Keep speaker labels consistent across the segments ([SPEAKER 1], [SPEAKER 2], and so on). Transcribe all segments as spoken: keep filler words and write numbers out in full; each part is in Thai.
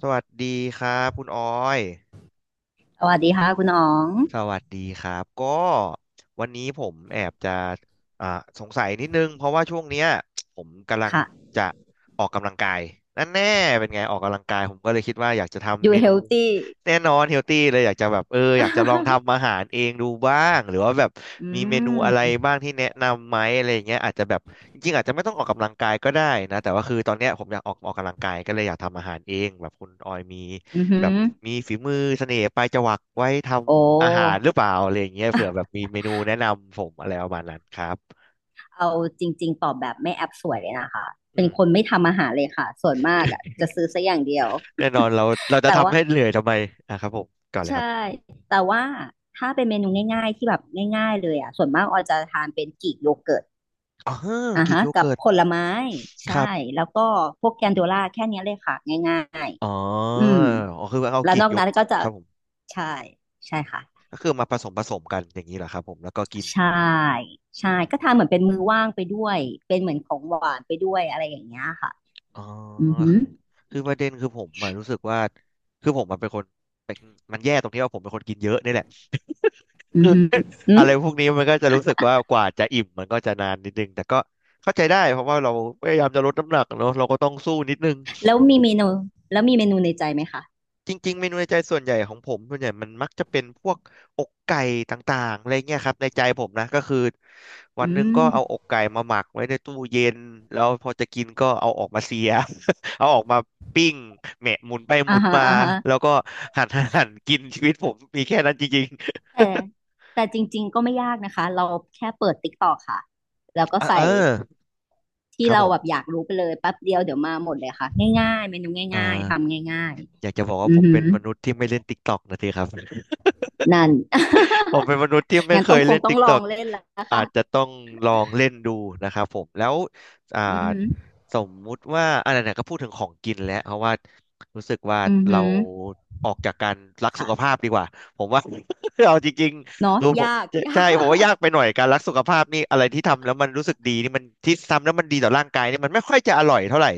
[SPEAKER 1] สวัสดีครับคุณออย
[SPEAKER 2] สวัสดีค่ะคุณอ๋อง
[SPEAKER 1] สวัสดีครับก็วันนี้ผมแอบจะอ่าสงสัยนิดนึงเพราะว่าช่วงเนี้ยผมกำลัง
[SPEAKER 2] ค่ะ
[SPEAKER 1] จะออกกำลังกายนั่นแน่เป็นไงออกกำลังกายผมก็เลยคิดว่าอยากจะทำ
[SPEAKER 2] ดู
[SPEAKER 1] เม
[SPEAKER 2] เฮ
[SPEAKER 1] นู
[SPEAKER 2] ลตี้
[SPEAKER 1] แน่นอนเฮลตี้เลยอยากจะแบบเอออยากจะลองทำอา หารเองดูบ้างหรือว่าแบบ
[SPEAKER 2] อื
[SPEAKER 1] มีเมนูอะไร
[SPEAKER 2] ม
[SPEAKER 1] บ้างที่แนะนำไหมอะไรอย่างเงี้ยอาจจะแบบจริงๆอาจจะไม่ต้องออกกำลังกายก็ได้นะแต่ว่าคือตอนเนี้ยผมอยากออกออกกำลังกายก็เลยอยากทำอาหารเองแบบคุณออยมี
[SPEAKER 2] อือหื
[SPEAKER 1] แบ
[SPEAKER 2] อ
[SPEAKER 1] บมีฝีมือเสน่ห์ปลายจวักไว้ท
[SPEAKER 2] โอ
[SPEAKER 1] ำอาหาร
[SPEAKER 2] ้
[SPEAKER 1] หรือเปล่าอะไรอย่างเงี้ยเผื่อแบบมีเมนูแนะนำผมอะไรประมาณนั้นครับ
[SPEAKER 2] เอาจริงๆตอบแบบไม่แอบสวยเลยนะคะ เป็
[SPEAKER 1] อื
[SPEAKER 2] น
[SPEAKER 1] ม
[SPEAKER 2] คนไม่ทำอาหารเลยค่ะ ส่วนมากอ่ะ จะซื้อซะอย่างเดียว
[SPEAKER 1] แน่นอนเราเรา จะ
[SPEAKER 2] แต่
[SPEAKER 1] ทำ
[SPEAKER 2] ว่า
[SPEAKER 1] ให้เหนื่อยทำไมอ่ะครับผมก่อนเลยครั
[SPEAKER 2] ใช่
[SPEAKER 1] บ
[SPEAKER 2] แต่ว่าถ้าเป็นเมนูง่ายๆที่แบบง่ายๆเลยอ่ะส่วนมากออยจะทานเป็นกรีกโยเกิร์ต
[SPEAKER 1] อ๋อ
[SPEAKER 2] อ่ะ
[SPEAKER 1] กีก
[SPEAKER 2] ฮะ
[SPEAKER 1] โย
[SPEAKER 2] กับ
[SPEAKER 1] เกิร์ต
[SPEAKER 2] ผลไม้
[SPEAKER 1] ค
[SPEAKER 2] ใช่
[SPEAKER 1] รับ
[SPEAKER 2] แล้วก็พวกแกนโดล่าแค่เนี้ยเลยค่ะง่าย
[SPEAKER 1] อ๋อ
[SPEAKER 2] ๆ อืม
[SPEAKER 1] อ๋อคือเอา
[SPEAKER 2] แล้ว
[SPEAKER 1] กี
[SPEAKER 2] น
[SPEAKER 1] ก
[SPEAKER 2] อก
[SPEAKER 1] โยก
[SPEAKER 2] นั้นก็จะ
[SPEAKER 1] ครับผม
[SPEAKER 2] ใช่ใช่ค่ะ
[SPEAKER 1] ก็คือมาผสมผสมกันอย่างนี้เหรอครับผมแล้วก็กิน
[SPEAKER 2] ใช่ใช่
[SPEAKER 1] อืม
[SPEAKER 2] ก็ทานเหมือนเป็นมือว่างไปด้วยเป็นเหมือนของหวานไปด้วยอะไรอย่างเงี้ยค่ะ
[SPEAKER 1] อ๋อ
[SPEAKER 2] อือหือ
[SPEAKER 1] คือคือประเด็นคือผมอะรู้สึกว่าคือผมมันเป็นคนเป็นมันแย่ตรงที่ว่าผมเป็นคนกินเยอะนี่แหละ
[SPEAKER 2] อือหือ อื
[SPEAKER 1] อะ
[SPEAKER 2] ม
[SPEAKER 1] ไรพวกนี้มันก็จะรู้สึกว่ากว่าจะอิ่มมันก็จะนานนิดนึงแต่ก็เข้าใจได้เพราะว่าเราพยายามจะลดน้ำหนักเนอะเราก็ต้องสู้นิดนึง
[SPEAKER 2] แล้วมีเมนูแล้วมีเมนูในใจไหมคะ
[SPEAKER 1] จริงๆเมนูในใจส่วนใหญ่ของผมส่วนใหญ่มันมักจะเป็นพวกอกไก่ต่างๆอะไรเงี้ยครับในใจผมนะก็คือวัน
[SPEAKER 2] อื
[SPEAKER 1] หนึ่งก็
[SPEAKER 2] ม
[SPEAKER 1] เอาอกไก่มาหมักไว้ในตู้เย็นแล้วพอจะกินก็เอาออกมาเสีย เอาออกมาปิ้งแหมะหมุนไปห
[SPEAKER 2] อ่า
[SPEAKER 1] มุน
[SPEAKER 2] ฮะ
[SPEAKER 1] มา
[SPEAKER 2] อ่าฮะ
[SPEAKER 1] แล้วก็หั่น หั่นหั่นกินชีวิตผมมีแค่นั้นจริง
[SPEAKER 2] แต่แต่จริงๆก็ไม่ยากนะคะเราแค่เปิด ติ๊กต็อกค่ะแล้วก็
[SPEAKER 1] ๆอ่ะเอ
[SPEAKER 2] ใส่
[SPEAKER 1] อ
[SPEAKER 2] ที่
[SPEAKER 1] ครับ
[SPEAKER 2] เรา
[SPEAKER 1] ผ
[SPEAKER 2] แบบอ
[SPEAKER 1] ม
[SPEAKER 2] ยากรู้ไปเลยแป๊บเดียวเดี๋ยวมาหมดเลยค่ะง่ายๆเมนู
[SPEAKER 1] อ่
[SPEAKER 2] ง่ายๆ
[SPEAKER 1] า
[SPEAKER 2] ทำง่าย
[SPEAKER 1] อยากจะบอก
[SPEAKER 2] ๆ
[SPEAKER 1] ว่า
[SPEAKER 2] อื
[SPEAKER 1] ผ
[SPEAKER 2] อ
[SPEAKER 1] ม
[SPEAKER 2] หื
[SPEAKER 1] เป็น
[SPEAKER 2] อ
[SPEAKER 1] มนุษย์ที่ไม่เล่นติ๊กต็อกนะทีครับ อ
[SPEAKER 2] นั่น
[SPEAKER 1] ผมเป็นมนุษย์ที่ ไม่
[SPEAKER 2] งั้น
[SPEAKER 1] เค
[SPEAKER 2] ต้อ
[SPEAKER 1] ย
[SPEAKER 2] งค
[SPEAKER 1] เล่
[SPEAKER 2] ง
[SPEAKER 1] น
[SPEAKER 2] ต้องลอง
[SPEAKER 1] TikTok
[SPEAKER 2] เล่นแล้ว
[SPEAKER 1] อา
[SPEAKER 2] ค่ะ
[SPEAKER 1] จจะต้องลองเล่นดูนะครับผมแล้วอ่า
[SPEAKER 2] อือหือ
[SPEAKER 1] สมมุติว่าอะไรเนี่ยก็พูดถึงของกินแล้วเพราะว่ารู้สึกว่า
[SPEAKER 2] อือ
[SPEAKER 1] เรา
[SPEAKER 2] หือ
[SPEAKER 1] ออกจากการรักสุข
[SPEAKER 2] ค่ะ
[SPEAKER 1] ภาพดีกว่าผมว่า เอาจริง
[SPEAKER 2] เนาะ
[SPEAKER 1] ๆรู้ผม
[SPEAKER 2] ยาก
[SPEAKER 1] ใช่
[SPEAKER 2] ยา
[SPEAKER 1] ผมว่า
[SPEAKER 2] ก
[SPEAKER 1] ยากไปหน่อยการรักสุขภาพนี่อะไรที่ทำแล้วมันรู้สึกดีนี่มันที่ทำแล้วมันดีต่อร่างกายนี่มันไม่ค่อยจะอร่อยเท่าไหร่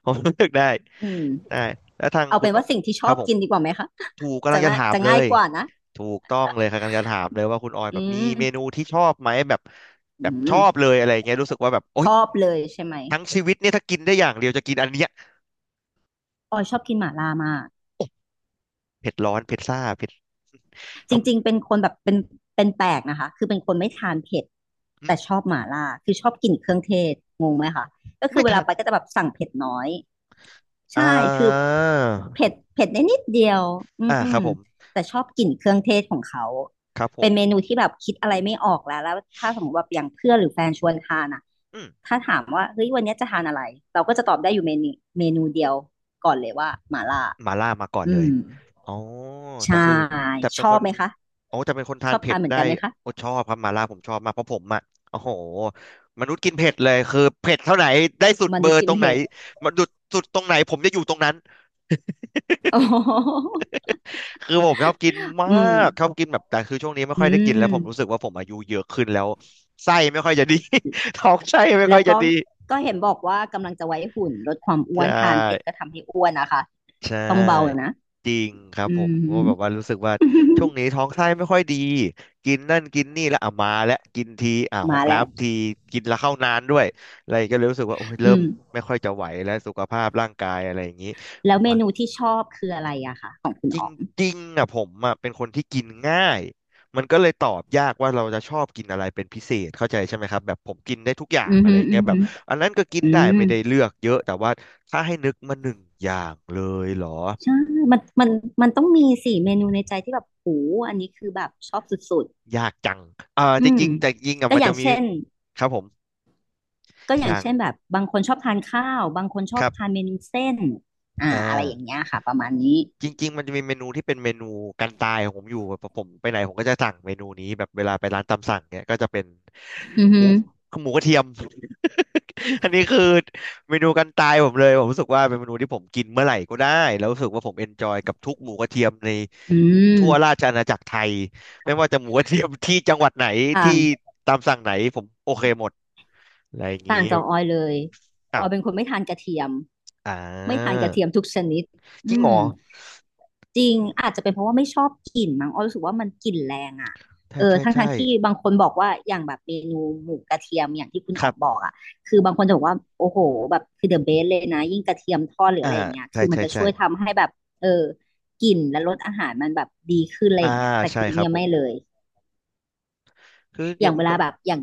[SPEAKER 1] ผมรู้สึกได้
[SPEAKER 2] อืม
[SPEAKER 1] ได้แล้วทาง
[SPEAKER 2] เอา
[SPEAKER 1] คุ
[SPEAKER 2] เป็
[SPEAKER 1] ณ
[SPEAKER 2] นว่าสิ่งที่ช
[SPEAKER 1] ค
[SPEAKER 2] อ
[SPEAKER 1] รับ
[SPEAKER 2] บ
[SPEAKER 1] ผม
[SPEAKER 2] กินดีกว่าไหมคะ
[SPEAKER 1] ถูกกำลั
[SPEAKER 2] จะ
[SPEAKER 1] งจะ
[SPEAKER 2] น่า
[SPEAKER 1] ถาม
[SPEAKER 2] จะ
[SPEAKER 1] เล
[SPEAKER 2] ง่าย
[SPEAKER 1] ย
[SPEAKER 2] กว่านะ
[SPEAKER 1] ถูกต้องเลยค่ะกำลังจะถามเลยว่าคุณออย
[SPEAKER 2] อื
[SPEAKER 1] แบบมี
[SPEAKER 2] ม
[SPEAKER 1] เมนูที่ชอบไหมแบบแบ
[SPEAKER 2] อื
[SPEAKER 1] บชอ
[SPEAKER 2] ม
[SPEAKER 1] บเลยอะไรเงี้ยรู้สึกว่าแบบโอ๊
[SPEAKER 2] ช
[SPEAKER 1] ย
[SPEAKER 2] อบเลยใช่ไหม
[SPEAKER 1] ทั้งชีวิตเนี่ยถ้ากินได้อย่างเดียวจะกินอันเนี้ย
[SPEAKER 2] ออยชอบกินหม่าล่ามาก
[SPEAKER 1] โอ้เผ็ดร้อนเผ็ดซ่าเผ็ดท
[SPEAKER 2] จริงๆเป็นคนแบบเป็นเป็นแปลกนะคะคือเป็นคนไม่ทานเผ็ด
[SPEAKER 1] ำอื
[SPEAKER 2] แต่
[SPEAKER 1] ม
[SPEAKER 2] ชอบหม่าล่าคือชอบกลิ่นเครื่องเทศงงไหมคะก็คื
[SPEAKER 1] ไม่
[SPEAKER 2] อเวลา
[SPEAKER 1] ทัน
[SPEAKER 2] ไปก็จะแบบสั่งเผ็ดน้อย
[SPEAKER 1] อ่
[SPEAKER 2] ใช่ คือ
[SPEAKER 1] า
[SPEAKER 2] เผ็ดเผ็ดได้นิดเดียวอื
[SPEAKER 1] อ่าครั
[SPEAKER 2] ม
[SPEAKER 1] บผม
[SPEAKER 2] แต่ชอบกลิ่นเครื่องเทศของเขา
[SPEAKER 1] ครับผ
[SPEAKER 2] เป็น
[SPEAKER 1] ม
[SPEAKER 2] เมนูที่แบบคิดอะไรไม่ออกแล้วแล้วถ้าสมมติว่าอย่างเพื่อนหรือแฟนชวนทานอ่ะ
[SPEAKER 1] อืม
[SPEAKER 2] ถ้าถามว่าเฮ้ยวันเนี้ยจะทานอะไร เราก็จะตอบได้อยู่เมนูเมนูเดียวก่อนเลยว่าหม่าล่า
[SPEAKER 1] มาล่ามาก่อนเล
[SPEAKER 2] อื
[SPEAKER 1] ย
[SPEAKER 2] ม
[SPEAKER 1] อ๋อแต่
[SPEAKER 2] ใช่
[SPEAKER 1] คือแต่เป็
[SPEAKER 2] ช
[SPEAKER 1] น
[SPEAKER 2] อ
[SPEAKER 1] ค
[SPEAKER 2] บ
[SPEAKER 1] น
[SPEAKER 2] ไหมคะ
[SPEAKER 1] อ๋อจะเป็นคนทา
[SPEAKER 2] ช
[SPEAKER 1] น
[SPEAKER 2] อบ
[SPEAKER 1] เผ็
[SPEAKER 2] ทา
[SPEAKER 1] ด
[SPEAKER 2] นเหมือน
[SPEAKER 1] ได้
[SPEAKER 2] กันไหมคะ
[SPEAKER 1] โอ้ชอบครับมาล่าผมชอบมากเพราะผมอ่ะโอ้โหมนุษย์กินเผ็ดเลยคือเผ็ดเท่าไหนได้สุด
[SPEAKER 2] ม
[SPEAKER 1] เบอ
[SPEAKER 2] นุษย์
[SPEAKER 1] ร์
[SPEAKER 2] กิ
[SPEAKER 1] ต
[SPEAKER 2] น
[SPEAKER 1] รงไหน
[SPEAKER 2] เผ็ด
[SPEAKER 1] มันดุดสุดตรงไหนผมจะอยู่ตรงนั้น
[SPEAKER 2] โอ้โห
[SPEAKER 1] คือผมชอบกินมา
[SPEAKER 2] อืม
[SPEAKER 1] กชอบกินแบบแต่คือช่วงนี้ไม่
[SPEAKER 2] อื
[SPEAKER 1] ค่อยได้กินแล้วผมรู้สึก
[SPEAKER 2] ม
[SPEAKER 1] ว่าผมอายุเยอะขึ้นแล้วไส้ไม่ค่อยจะดี ท้องไส้ไม่ค่
[SPEAKER 2] แล้
[SPEAKER 1] อย
[SPEAKER 2] ว
[SPEAKER 1] จะ
[SPEAKER 2] ก็
[SPEAKER 1] ดี
[SPEAKER 2] ก็เห็นบอกว่ากำลังจะไว้หุ่นลดความอ้ว
[SPEAKER 1] ใช่
[SPEAKER 2] นทานเผ็ดก็ทำให้อ้วนนะคะ
[SPEAKER 1] ใช่
[SPEAKER 2] ต้องเบานะ
[SPEAKER 1] จริงครับ
[SPEAKER 2] อื
[SPEAKER 1] ผมก็
[SPEAKER 2] ม
[SPEAKER 1] แบบว่ารู้สึกว่าช่วงนี้ท้องไส้ไม่ค่อยดีกินนั่นกินนี่แล้วอ่ะมาแล้วกินทีอ่ะห้อ
[SPEAKER 2] มา
[SPEAKER 1] ง
[SPEAKER 2] แล้ว
[SPEAKER 1] น้ำทีกินแล้วเข้านานด้วยอะไรก็เลยรู้สึกว่าโอ้ย
[SPEAKER 2] อื
[SPEAKER 1] เริ่ม
[SPEAKER 2] ม
[SPEAKER 1] ไม่ค่อยจะไหวแล้วสุขภาพร่างกายอะไรอย่างนี้
[SPEAKER 2] แล้วเมนูที่ชอบคืออะไรอะคะของคุณ
[SPEAKER 1] จ
[SPEAKER 2] อ๋อง
[SPEAKER 1] ริงๆอ่ะผมอ่ะเป็นคนที่กินง่ายมันก็เลยตอบยากว่าเราจะชอบกินอะไรเป็นพิเศษเข้าใจใช่ไหมครับแบบผมกินได้ทุกอย่า
[SPEAKER 2] อื
[SPEAKER 1] ง
[SPEAKER 2] ม
[SPEAKER 1] อะไร
[SPEAKER 2] ฮึอื
[SPEAKER 1] เงี้
[SPEAKER 2] ม
[SPEAKER 1] ยแบ
[SPEAKER 2] ฮึ
[SPEAKER 1] บอันนั้นก็กิน
[SPEAKER 2] อื
[SPEAKER 1] ได้
[SPEAKER 2] ม
[SPEAKER 1] ไม่ได้เลือกเยอะแต่ว่าถ้าให้นึกมาหนึ่งอย่างเลยเหร
[SPEAKER 2] ใช่มันมันมันต้องมีสิเมนูในใจที่แบบโหอันนี้คือแบบชอบสุด
[SPEAKER 1] อยากจังเอ่า
[SPEAKER 2] ๆอื
[SPEAKER 1] จ
[SPEAKER 2] ม
[SPEAKER 1] ริงๆแต่จริงอ่ะ
[SPEAKER 2] ก็
[SPEAKER 1] มัน
[SPEAKER 2] อย่า
[SPEAKER 1] จะ
[SPEAKER 2] ง
[SPEAKER 1] มี
[SPEAKER 2] เช่น
[SPEAKER 1] ครับผม
[SPEAKER 2] ก็อ
[SPEAKER 1] อ
[SPEAKER 2] ย่าง
[SPEAKER 1] ย่าง
[SPEAKER 2] เช่นแบบบางคนชอบทานข้าวบางคนช
[SPEAKER 1] ค
[SPEAKER 2] อบ
[SPEAKER 1] รับ
[SPEAKER 2] ทานเมนูเส้นอ่า
[SPEAKER 1] อ่
[SPEAKER 2] อะไรอย่าง
[SPEAKER 1] า
[SPEAKER 2] เงี้ยค่ะประมาณนี้
[SPEAKER 1] จริงๆมันจะมีเมนูที่เป็นเมนูกันตายของผมอยู่แบบผมไปไหนผมก็จะสั่งเมนูนี้แบบเวลาไปร้านตามสั่งเนี่ยก็จะเป็น
[SPEAKER 2] อือ
[SPEAKER 1] ห
[SPEAKER 2] ฮึ
[SPEAKER 1] มูหมูกระเทียม อันนี้คือเมนูกันตายผมเลยผมรู้สึกว่าเป็นเมนูที่ผมกินเมื่อไหร่ก็ได้แล้วรู้สึกว่าผมเอนจอยกับทุกหมูกระเทียมใน
[SPEAKER 2] อื
[SPEAKER 1] ทั่วรา
[SPEAKER 2] ม
[SPEAKER 1] ชอาณาจักรไทยไม่ว่าจะหมูกระเทียมที่จังหวัดไหน
[SPEAKER 2] ต่า
[SPEAKER 1] ที่
[SPEAKER 2] ง
[SPEAKER 1] ตามสั่งไหนผมโอเคหมดอะไรอย่างนี้
[SPEAKER 2] ต่างจากออยเลยอ
[SPEAKER 1] อ้า
[SPEAKER 2] อ
[SPEAKER 1] ว
[SPEAKER 2] ยเป็นคนไม่ทานกระเทียม
[SPEAKER 1] อ่
[SPEAKER 2] ไม่ทานก
[SPEAKER 1] า
[SPEAKER 2] ระเทียมทุกชนิด
[SPEAKER 1] จริง
[SPEAKER 2] อื
[SPEAKER 1] เหร
[SPEAKER 2] ม
[SPEAKER 1] อ
[SPEAKER 2] จริงอาจจะเป็นเพราะว่าไม่ชอบกลิ่นมั้งออยรู้สึกว่ามันกลิ่นแรงอ่ะ
[SPEAKER 1] ใช่
[SPEAKER 2] เออ
[SPEAKER 1] ใช่
[SPEAKER 2] ทั้งทา
[SPEAKER 1] ใช่
[SPEAKER 2] งที่บางคนบอกว่าอย่างแบบเมนูหมูกระเทียมอย่างที่คุณ
[SPEAKER 1] ค
[SPEAKER 2] อ
[SPEAKER 1] รั
[SPEAKER 2] อกบอ
[SPEAKER 1] บ
[SPEAKER 2] กอ่ะคือบางคนจะบอกว่าโอ้โหแบบคือเดอะเบสเลยนะยิ่งกระเทียมทอดหรือ
[SPEAKER 1] อ่า
[SPEAKER 2] อะไรอย่างเงี้ย
[SPEAKER 1] ใช่
[SPEAKER 2] คือมัน
[SPEAKER 1] ใช่
[SPEAKER 2] จะ
[SPEAKER 1] ใช่
[SPEAKER 2] ช่วยทำให้แบบเออกลิ่นและรสอาหารมันแบบดีขึ้นอะไร
[SPEAKER 1] อ่า
[SPEAKER 2] อย่างเงี้ยแต่
[SPEAKER 1] ใช่
[SPEAKER 2] คือ
[SPEAKER 1] ครับ
[SPEAKER 2] เนี่ย
[SPEAKER 1] ผม
[SPEAKER 2] ไม่เลย
[SPEAKER 1] คืออ
[SPEAKER 2] อ
[SPEAKER 1] ย่า
[SPEAKER 2] ย่า
[SPEAKER 1] ง
[SPEAKER 2] งเว
[SPEAKER 1] มัน
[SPEAKER 2] ลา
[SPEAKER 1] ก็
[SPEAKER 2] แบบอย่าง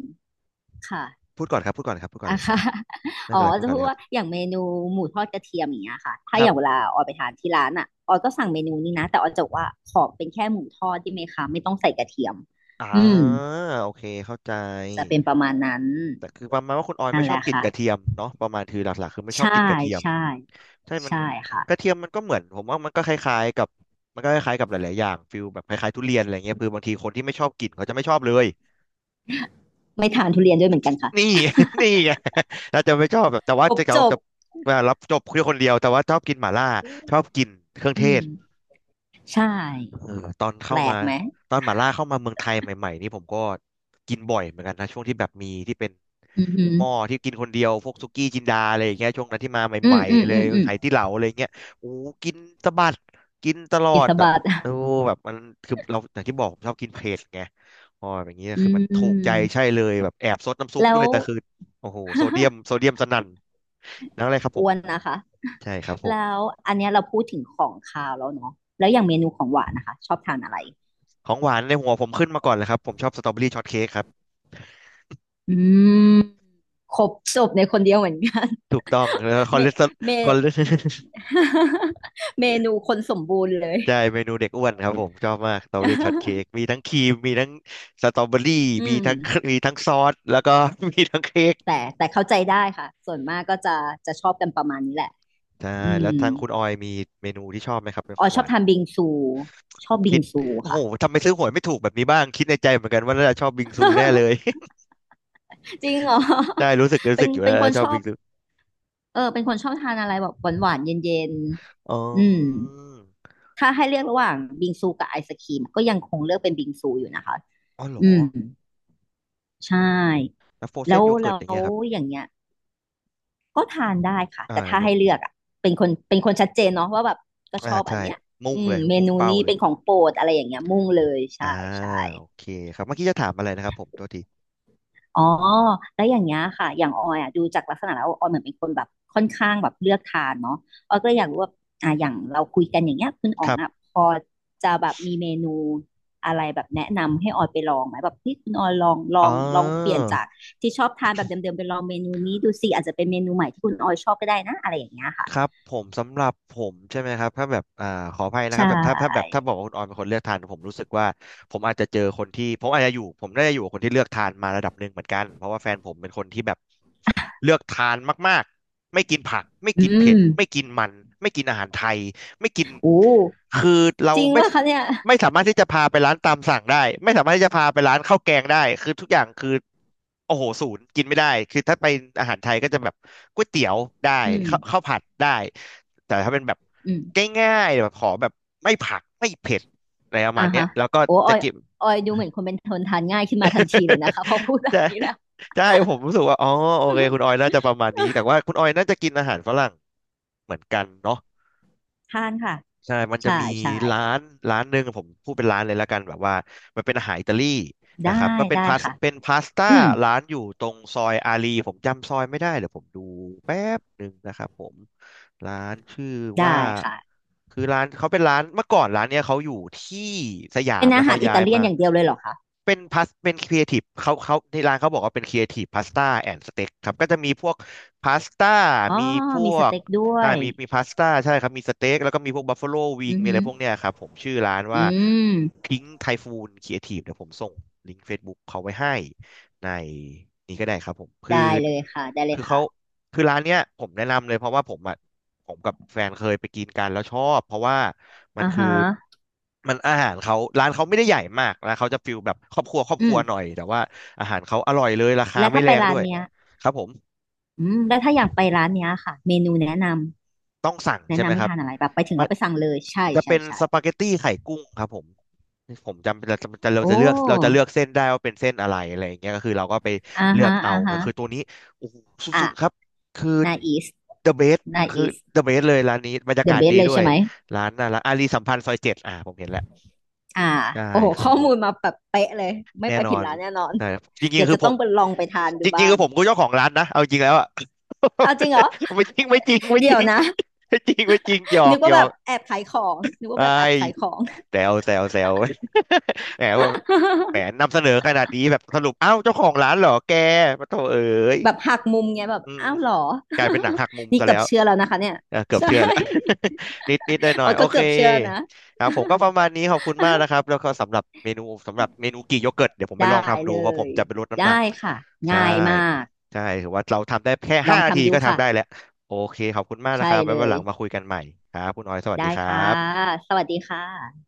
[SPEAKER 2] ค่ะ
[SPEAKER 1] พูดก่อนครับพูดก่อนครับพูดก่อน
[SPEAKER 2] อ่ะ
[SPEAKER 1] เลย
[SPEAKER 2] ค่ะ
[SPEAKER 1] ไม่
[SPEAKER 2] อ๋อ
[SPEAKER 1] เป็นไรพู
[SPEAKER 2] จะ
[SPEAKER 1] ดก่อน
[SPEAKER 2] พู
[SPEAKER 1] เล
[SPEAKER 2] ด
[SPEAKER 1] ยครั
[SPEAKER 2] ว่า
[SPEAKER 1] บ
[SPEAKER 2] อย่างเมนูหมูทอดกระเทียมอย่างเงี้ยค่ะถ้า
[SPEAKER 1] ค
[SPEAKER 2] อ
[SPEAKER 1] รับ
[SPEAKER 2] ย่างเวลาออยไปทานที่ร้านอ่ะออยก็สั่งเมนูนี้นะแต่ออยจะบอกว่าขอเป็นแค่หมูทอดได้ไหมคะไม่ต้องใส่กระเทียม
[SPEAKER 1] อ่า
[SPEAKER 2] อืม
[SPEAKER 1] โอเคเข้าใจ
[SPEAKER 2] จะเป็นประมาณนั้น
[SPEAKER 1] แต่คือประมาณว่าคุณออย
[SPEAKER 2] นั่
[SPEAKER 1] ไม่
[SPEAKER 2] นแห
[SPEAKER 1] ชอบ
[SPEAKER 2] ละ
[SPEAKER 1] กลิ่น
[SPEAKER 2] ค่ะ
[SPEAKER 1] กระเทียมเนาะประมาณคือหลักๆคือไม่ชอบ
[SPEAKER 2] ใช่
[SPEAKER 1] กลิ่นกระเทียม
[SPEAKER 2] ใช่
[SPEAKER 1] ใช่มัน
[SPEAKER 2] ใช่
[SPEAKER 1] กระ
[SPEAKER 2] ค่ะ
[SPEAKER 1] เทียมมันก็เหมือนผมว่ามันก็คล้ายๆกับมันก็คล้ายๆกับหลายๆอย่างฟิลแบบคล้ายๆทุเรียนอะไรเงี้ยคือบางทีคนที่ไม่ชอบกลิ่นเขาจะไม่ชอบเลย
[SPEAKER 2] ไม่ทานทุเรียนด้วยเหมือนกันค่ะ
[SPEAKER 1] นี่ นี่ไงเราจะไม่ชอบแบบแต่ว่า
[SPEAKER 2] ครบ
[SPEAKER 1] จะเขา
[SPEAKER 2] จบ
[SPEAKER 1] จะเวลารับจบคือคนเดียวแต่ว่าชอบกินหม่าล่าชอบกินเครื่อง
[SPEAKER 2] อื
[SPEAKER 1] เทศ
[SPEAKER 2] มใช่
[SPEAKER 1] เออตอน
[SPEAKER 2] แป
[SPEAKER 1] เข้า
[SPEAKER 2] ล
[SPEAKER 1] มา
[SPEAKER 2] กไหม
[SPEAKER 1] ตอนหม่าล่าเข้ามาเมืองไทยใหม่ๆนี่ผมก็กินบ่อยเหมือนกันนะช่วงที่แบบมีที่เป็น
[SPEAKER 2] อือหือ
[SPEAKER 1] หม้อที่กินคนเดียวพวกสุกี้จินดาอะไรอย่างเงี้ยช่วงนั้นที่มา
[SPEAKER 2] อื
[SPEAKER 1] ให
[SPEAKER 2] ม
[SPEAKER 1] ม่
[SPEAKER 2] อืม
[SPEAKER 1] ๆเล
[SPEAKER 2] อื
[SPEAKER 1] ย
[SPEAKER 2] มอืม
[SPEAKER 1] ไหตี้เหลาอะไรเงี้ยโอ้กินสะบัดกินตลอ
[SPEAKER 2] อิ
[SPEAKER 1] ด
[SPEAKER 2] ส
[SPEAKER 1] อะ
[SPEAKER 2] บาท
[SPEAKER 1] โอ้แบบมันคือเราอย่างที่บอกผมชอบกินเผ็ดไงอ๋ออย่างเงี้ย
[SPEAKER 2] อื
[SPEAKER 1] คือมันถูกใจใช่
[SPEAKER 2] ม
[SPEAKER 1] เลยแบบแอบซดน้ำซุป
[SPEAKER 2] แล้
[SPEAKER 1] ด้ว
[SPEAKER 2] ว
[SPEAKER 1] ยแต่คือโอ้โหโซเดียม โซเดียมสนั่นนั่นเลยครับผ
[SPEAKER 2] อ้
[SPEAKER 1] ม
[SPEAKER 2] วนนะคะ
[SPEAKER 1] ใช่ครับ ผ
[SPEAKER 2] แล้
[SPEAKER 1] ม
[SPEAKER 2] วอันเนี้ยเราพูดถึงของคาวแล้วเนาะแล้วอย่างเมนูของหวานนะคะชอบทานอะไร
[SPEAKER 1] ของหวานในหัวผมขึ้นมาก่อนเลยครับผมชอบสตรอเบอรี่ช็อตเค้กครับ
[SPEAKER 2] อืมครบจบในคนเดียวเหมือนกัน
[SPEAKER 1] ถูกต้องแล้วค อ
[SPEAKER 2] เม
[SPEAKER 1] เลสเตอร
[SPEAKER 2] เม
[SPEAKER 1] คอเลส
[SPEAKER 2] เมนูคนสมบูรณ์เล ย
[SPEAKER 1] ใช่เมนูเด็กอ้วนครับผมชอบมากสตรอเบอรี่ช็อตเค้กมี ทั้งครีมมีทั้งสตรอเบอรี่
[SPEAKER 2] อื
[SPEAKER 1] มี
[SPEAKER 2] ม
[SPEAKER 1] ทั้งมีทั้งซอสแล้วก็ มีทั้งเค้ก
[SPEAKER 2] แต่แต่เข้าใจได้ค่ะส่วนมากก็จะจะชอบกันประมาณนี้แหละ
[SPEAKER 1] ใช่
[SPEAKER 2] อื
[SPEAKER 1] แล้
[SPEAKER 2] ม
[SPEAKER 1] วทางคุณออยมีเมนูที่ชอบไหมครับเป็นข
[SPEAKER 2] อ๋อ
[SPEAKER 1] องห
[SPEAKER 2] ชอ
[SPEAKER 1] วา
[SPEAKER 2] บ
[SPEAKER 1] น
[SPEAKER 2] ทานบิงซูช
[SPEAKER 1] ผ
[SPEAKER 2] อบ
[SPEAKER 1] ม
[SPEAKER 2] บิ
[SPEAKER 1] คิ
[SPEAKER 2] ง
[SPEAKER 1] ด
[SPEAKER 2] ซู
[SPEAKER 1] โอ้โห
[SPEAKER 2] ค่ะ
[SPEAKER 1] ทำไมซื้อหวยไม่ถูกแบบนี้บ้างคิดในใจเหมือนกันว่าน่าจะชอบบิงซูแน่เลย
[SPEAKER 2] จริงเหรอ
[SPEAKER 1] ใช่รู้สึกรู้
[SPEAKER 2] เป็
[SPEAKER 1] สึ
[SPEAKER 2] น
[SPEAKER 1] กอยู่
[SPEAKER 2] เป็
[SPEAKER 1] แล้
[SPEAKER 2] นค
[SPEAKER 1] วา
[SPEAKER 2] น
[SPEAKER 1] ชอ
[SPEAKER 2] ช
[SPEAKER 1] บ
[SPEAKER 2] อ
[SPEAKER 1] บิ
[SPEAKER 2] บ
[SPEAKER 1] งซู
[SPEAKER 2] เออเป็นคนชอบทานอะไรแบบหวานๆเย็น
[SPEAKER 1] อ๋อ
[SPEAKER 2] ๆอืมถ้าให้เลือกระหว่างบิงซูกับไอศกรีมก็ยังคงเลือกเป็นบิงซูอยู่นะคะ
[SPEAKER 1] อ๋อเหรอ
[SPEAKER 2] อืมใช่
[SPEAKER 1] แล้วโฟรเซ
[SPEAKER 2] แล้
[SPEAKER 1] น
[SPEAKER 2] ว
[SPEAKER 1] โยเกิร์
[SPEAKER 2] แล้
[SPEAKER 1] ตอย่าง
[SPEAKER 2] ว
[SPEAKER 1] เงี้ยครับ
[SPEAKER 2] อย่างเงี้ยก็ทานได้ค่ะ
[SPEAKER 1] อ่า
[SPEAKER 2] แต่ถ้า
[SPEAKER 1] โยก
[SPEAKER 2] ให้เลือกอ่ะเป็นคนเป็นคนชัดเจนเนาะว่าแบบก็ช
[SPEAKER 1] อ่า
[SPEAKER 2] อบอัน
[SPEAKER 1] ใช่
[SPEAKER 2] เนี้ย
[SPEAKER 1] มุ่
[SPEAKER 2] อื
[SPEAKER 1] งเล
[SPEAKER 2] ม
[SPEAKER 1] ย
[SPEAKER 2] เม
[SPEAKER 1] มุ่ง
[SPEAKER 2] นู
[SPEAKER 1] เป้า
[SPEAKER 2] นี้
[SPEAKER 1] เลย
[SPEAKER 2] เป็นของโปรดอะไรอย่างเงี้ยมุ่งเลย
[SPEAKER 1] อ่า
[SPEAKER 2] ใช่ใช่
[SPEAKER 1] โอเคครับเมื่อกี้จะถามอะไรนะครับผมตัวที
[SPEAKER 2] อ๋อแล้วอย่างเงี้ยค่ะ อย่างออยอ่ะดูจากลักษณะแล้วออยเหมือนเป็นคนแบบค่อนข้างแบบเลือกทานเนาะออยก็เลยอยากรู้ว่าอ่ะอย่างเราคุยกันอย่างเงี้ยคุณอ๋
[SPEAKER 1] ค
[SPEAKER 2] อง
[SPEAKER 1] รั
[SPEAKER 2] อ่ะ
[SPEAKER 1] บ
[SPEAKER 2] พอจะแบบมีเมนูอะไรแบบแนะนำให้ออยไปลองไหมแบบที่คุณออยลองล
[SPEAKER 1] อ๋
[SPEAKER 2] อ
[SPEAKER 1] อ
[SPEAKER 2] งลองเปลี่ยนจากที่ชอบทานแบบเดิมๆไปลองเมนูนี้ดูสิอาจจะเป็นเมนูใหม่ที่คุณออยชอบก็ได้นะอะไรอย่างเงี้ยค่ะ
[SPEAKER 1] ครับผมสำหรับผมใช่ไหมครับถ้าแบบอ่าขออภัยนะค
[SPEAKER 2] ใช
[SPEAKER 1] รับแต่ถ้าถ้าแบบ
[SPEAKER 2] ่
[SPEAKER 1] ถ้าบอกว่าคุณออยเป็นคนเลือกทานผมรู้สึกว่าผมอาจจะเจอคนที่ผมอาจจะอยู่ผมได้อยู่กับคนที่เลือกทานมาระดับหนึ่งเหมือนกันเพราะว่าแฟนผมเป็นคนที่แบบเลือกทานมากๆไม่กินผักไม่
[SPEAKER 2] อื
[SPEAKER 1] กินเผ็
[SPEAKER 2] ม
[SPEAKER 1] ดไม่กินมันไม่กินอาหารไทยไม่กิน
[SPEAKER 2] โอ้
[SPEAKER 1] คือเรา
[SPEAKER 2] จริง
[SPEAKER 1] ไม่
[SPEAKER 2] ป่ะคะเนี่ย
[SPEAKER 1] ไม่สามารถที่จะพาไปร้านตามสั่งได้ไม่สามารถที่จะพาไปร้านข้าวแกงได้คือทุกอย่างคือโอ้โหศูนย์กินไม่ได้คือถ้าไปอาหารไทยก็จะแบบก๋วยเตี๋ยวได้
[SPEAKER 2] อืม
[SPEAKER 1] ข้าวข้าวผัดได้แต่ถ้าเป็นแบบ
[SPEAKER 2] อืม
[SPEAKER 1] ง่ายๆแบบขอแบบไม่ผักไม่เผ็ดอะไรประ
[SPEAKER 2] อ่า
[SPEAKER 1] มาณเนี้ย
[SPEAKER 2] ฮะ
[SPEAKER 1] แล้วก็
[SPEAKER 2] โอ้อ
[SPEAKER 1] จะ
[SPEAKER 2] อย
[SPEAKER 1] กิน
[SPEAKER 2] ออยดูเหมือนคนเป็นคนทานง่ายขึ้นมาทันทีเลยนะคะ พอ พูดแบ
[SPEAKER 1] แต่
[SPEAKER 2] บนี้แล้ว
[SPEAKER 1] ใช่ผมรู้สึกว่าอ๋อโอเคคุณ ออยน่าจะประมาณนี้แต่ว่าคุณออยน่าจะกินอาหารฝรั่งเหมือนกันเนาะ
[SPEAKER 2] ทานค่ะ
[SPEAKER 1] ใช่มันจะ
[SPEAKER 2] ใช่
[SPEAKER 1] มี
[SPEAKER 2] ใช่
[SPEAKER 1] ร้านร้านหนึ่งผมพูดเป็นร้านเลยแล้วกันแบบว่ามันเป็นอาหารอิตาลีนะค
[SPEAKER 2] ได้
[SPEAKER 1] รับก็เป็น
[SPEAKER 2] ได้
[SPEAKER 1] พาส
[SPEAKER 2] ค่ะ
[SPEAKER 1] เป็นพาสต้า
[SPEAKER 2] อืม
[SPEAKER 1] ร้านอยู่ตรงซอยอารีผมจำซอยไม่ได้เดี๋ยวผมดูแป๊บหนึ่งนะครับผมร้านชื่อว่า
[SPEAKER 2] ได้ค่ะ
[SPEAKER 1] คือร้านเขาเป็นร้านเมื่อก่อนร้านเนี้ยเขาอยู่ที่สยา
[SPEAKER 2] เป็
[SPEAKER 1] ม
[SPEAKER 2] น
[SPEAKER 1] แล้
[SPEAKER 2] อา
[SPEAKER 1] ว
[SPEAKER 2] หา
[SPEAKER 1] เขา
[SPEAKER 2] รอิ
[SPEAKER 1] ย้าย
[SPEAKER 2] ตาเลีย
[SPEAKER 1] มา
[SPEAKER 2] นอย่างเดียวเลยเหรอคะ
[SPEAKER 1] เป็นพาสเป็นครีเอทีฟเขาเขาที่ร้านเขาบอกว่าเป็นครีเอทีฟพาสต้าแอนด์สเต็กครับก็จะมีพวกพาสต้า
[SPEAKER 2] อ๋อ
[SPEAKER 1] มีพ
[SPEAKER 2] มี
[SPEAKER 1] ว
[SPEAKER 2] ส
[SPEAKER 1] ก
[SPEAKER 2] เต็กด้ว
[SPEAKER 1] อ่า
[SPEAKER 2] ย
[SPEAKER 1] มีมีพาสต้าใช่ครับมีสเต็กแล้วก็มีพวกบัฟฟ l o วิง
[SPEAKER 2] อือ
[SPEAKER 1] มีอะ
[SPEAKER 2] หื
[SPEAKER 1] ไร
[SPEAKER 2] อ
[SPEAKER 1] พวกเนี้ยครับผมชื่อร้านว่า
[SPEAKER 2] อืม
[SPEAKER 1] พิง k ์ไทฟูนครีเอทีฟเดี๋ยวผมส่งลิงก์ Facebook เขาไว้ให้ในนี้ก็ได้ครับผมคือ
[SPEAKER 2] ได้เลยค่ะได้เล
[SPEAKER 1] คื
[SPEAKER 2] ย
[SPEAKER 1] อเขา
[SPEAKER 2] ค่ะ
[SPEAKER 1] คือร้านเนี้ยผมแนะนำเลยเพราะว่าผมอ่ะ ผมกับแฟนเคยไปกินกันแล้วชอบเพราะว่ามัน
[SPEAKER 2] อ่า
[SPEAKER 1] คือ
[SPEAKER 2] ฮะ
[SPEAKER 1] มันอาหารเขาร้านเขาไม่ได้ใหญ่มากล้วเขาจะฟิลแบบครอบครัวครอบค
[SPEAKER 2] อื
[SPEAKER 1] รั
[SPEAKER 2] ม
[SPEAKER 1] วหน่อยแต่ว่าอาหารเขาอร่อยเลยราคา
[SPEAKER 2] แล้ว
[SPEAKER 1] ไม่
[SPEAKER 2] ถ้า
[SPEAKER 1] แร
[SPEAKER 2] ไป
[SPEAKER 1] ง
[SPEAKER 2] ร้า
[SPEAKER 1] ด้
[SPEAKER 2] น
[SPEAKER 1] วย
[SPEAKER 2] เนี้ย
[SPEAKER 1] ครับผม
[SPEAKER 2] อืมแล้วถ้าอยากไปร้านเนี้ยค่ะเมนูแนะน
[SPEAKER 1] ต้องสั่ง
[SPEAKER 2] ำแนะ
[SPEAKER 1] ใช่ไหม
[SPEAKER 2] นำให้
[SPEAKER 1] ครับ
[SPEAKER 2] ทานอะไรแบบไปถึง
[SPEAKER 1] มั
[SPEAKER 2] แล้
[SPEAKER 1] น
[SPEAKER 2] วไปสั่งเลยใช่
[SPEAKER 1] จะ
[SPEAKER 2] ใช่
[SPEAKER 1] เป็น
[SPEAKER 2] ใช่
[SPEAKER 1] สปาเกตตี้ไข่กุ้งครับผมผมจำเราจะจะเรา
[SPEAKER 2] โอ้
[SPEAKER 1] จะเลือกเราจะเลือกเส้นได้ว่าเป็นเส้นอะไรอะไรอย่างเงี้ยก็คือเราก็ไป
[SPEAKER 2] อ่า
[SPEAKER 1] เลือ
[SPEAKER 2] ฮะ
[SPEAKER 1] กเอา
[SPEAKER 2] อ่าฮะ
[SPEAKER 1] คือตัวนี้โอ้โห
[SPEAKER 2] อ่ะ
[SPEAKER 1] สุดๆครับคือ
[SPEAKER 2] นาอีส
[SPEAKER 1] the best
[SPEAKER 2] นา
[SPEAKER 1] คือ
[SPEAKER 2] อีส
[SPEAKER 1] the best เลยร้านนี้บรรยา
[SPEAKER 2] เดอะ
[SPEAKER 1] กาศ
[SPEAKER 2] เบ
[SPEAKER 1] ดี
[SPEAKER 2] สเลย
[SPEAKER 1] ด้ว
[SPEAKER 2] ใช่
[SPEAKER 1] ย
[SPEAKER 2] ไหม
[SPEAKER 1] ร้านน่ารักอารีสัมพันธ์ซอยเจ็ดอ่ะผมเห็นแล้ว
[SPEAKER 2] อ่า
[SPEAKER 1] ใช่
[SPEAKER 2] โอ้โห
[SPEAKER 1] ครับ
[SPEAKER 2] ข้อ
[SPEAKER 1] ผ
[SPEAKER 2] มู
[SPEAKER 1] ม
[SPEAKER 2] ลมาแบบเป๊ะเลยไม่
[SPEAKER 1] แน่
[SPEAKER 2] ไป
[SPEAKER 1] นอ
[SPEAKER 2] ผิด
[SPEAKER 1] น
[SPEAKER 2] ร้านแน่นอน
[SPEAKER 1] แต่จริง
[SPEAKER 2] เดี๋ย
[SPEAKER 1] ๆ
[SPEAKER 2] ว
[SPEAKER 1] คือ
[SPEAKER 2] จะ
[SPEAKER 1] ผ
[SPEAKER 2] ต้อ
[SPEAKER 1] ม
[SPEAKER 2] งไปลองไปทานดู
[SPEAKER 1] จริ
[SPEAKER 2] บ้า
[SPEAKER 1] งๆคื
[SPEAKER 2] ง
[SPEAKER 1] อผมก็เจ้าของร้านนะเอาจริงแล้วอะ
[SPEAKER 2] เอาจริงเหรอ
[SPEAKER 1] ไม่จริงไม่จริงไม่
[SPEAKER 2] เดี๋
[SPEAKER 1] จ
[SPEAKER 2] ย
[SPEAKER 1] ริ
[SPEAKER 2] ว
[SPEAKER 1] ง
[SPEAKER 2] นะ
[SPEAKER 1] ไม่จริงไม่จริงหยอ
[SPEAKER 2] นึ
[SPEAKER 1] ก
[SPEAKER 2] ก
[SPEAKER 1] ห
[SPEAKER 2] ว่า
[SPEAKER 1] ยอ
[SPEAKER 2] แบบ
[SPEAKER 1] ก
[SPEAKER 2] แอบขายของนึกว่า
[SPEAKER 1] ไม่
[SPEAKER 2] แบบแอบขายของ
[SPEAKER 1] แซวแซวแซว แหมว่าแหมนำเสนอขนาดนี้แบบสรุปอ้าวเจ้าของร้านเหรอแกมาโถเอ๋ย
[SPEAKER 2] แบบหักมุมไงยแบบ
[SPEAKER 1] อืม
[SPEAKER 2] อ้าวเหรอ
[SPEAKER 1] กลายเป็นหนังหักมุม
[SPEAKER 2] นี่
[SPEAKER 1] ซะ
[SPEAKER 2] เกื
[SPEAKER 1] แล้
[SPEAKER 2] อบ
[SPEAKER 1] ว
[SPEAKER 2] เชื่อแล้วนะคะเนี่ย
[SPEAKER 1] เออเกือบ
[SPEAKER 2] ใช่
[SPEAKER 1] เชื่อแล้ว นิดนิดหน่อยห น่อ
[SPEAKER 2] โอ้
[SPEAKER 1] ย
[SPEAKER 2] ย
[SPEAKER 1] โอ
[SPEAKER 2] ก็
[SPEAKER 1] เค
[SPEAKER 2] เกือบเชื่อแล้วนะ
[SPEAKER 1] ครับผมก็ประมาณนี้ขอบคุณมากนะครับ แล้วก็สำหรับเมนูสำหรับเมนูกี่โยเกิร์ตเดี๋ยวผมไปลอ
[SPEAKER 2] ได้
[SPEAKER 1] งทำดู
[SPEAKER 2] เล
[SPEAKER 1] เพราะผม
[SPEAKER 2] ย
[SPEAKER 1] จะไปลดน้ำหนัก
[SPEAKER 2] ได้ค่ะ
[SPEAKER 1] ใช่
[SPEAKER 2] ง่ายมาก
[SPEAKER 1] ใช่ถือว่าเราทำได้แค่
[SPEAKER 2] ล
[SPEAKER 1] ห้า
[SPEAKER 2] อง
[SPEAKER 1] นาที
[SPEAKER 2] ทำดู
[SPEAKER 1] ก็
[SPEAKER 2] ค่ะ
[SPEAKER 1] ทำได้แล้วโอเคขอบคุณมากนะ
[SPEAKER 2] ใช่
[SPEAKER 1] ครับไว้
[SPEAKER 2] เล
[SPEAKER 1] วันห
[SPEAKER 2] ย
[SPEAKER 1] ลังมาคุยกันใหม่ครับคุณออยสวัสดี
[SPEAKER 2] ได้
[SPEAKER 1] ครั
[SPEAKER 2] ค่ะ
[SPEAKER 1] บ
[SPEAKER 2] สวัสดีค่ะ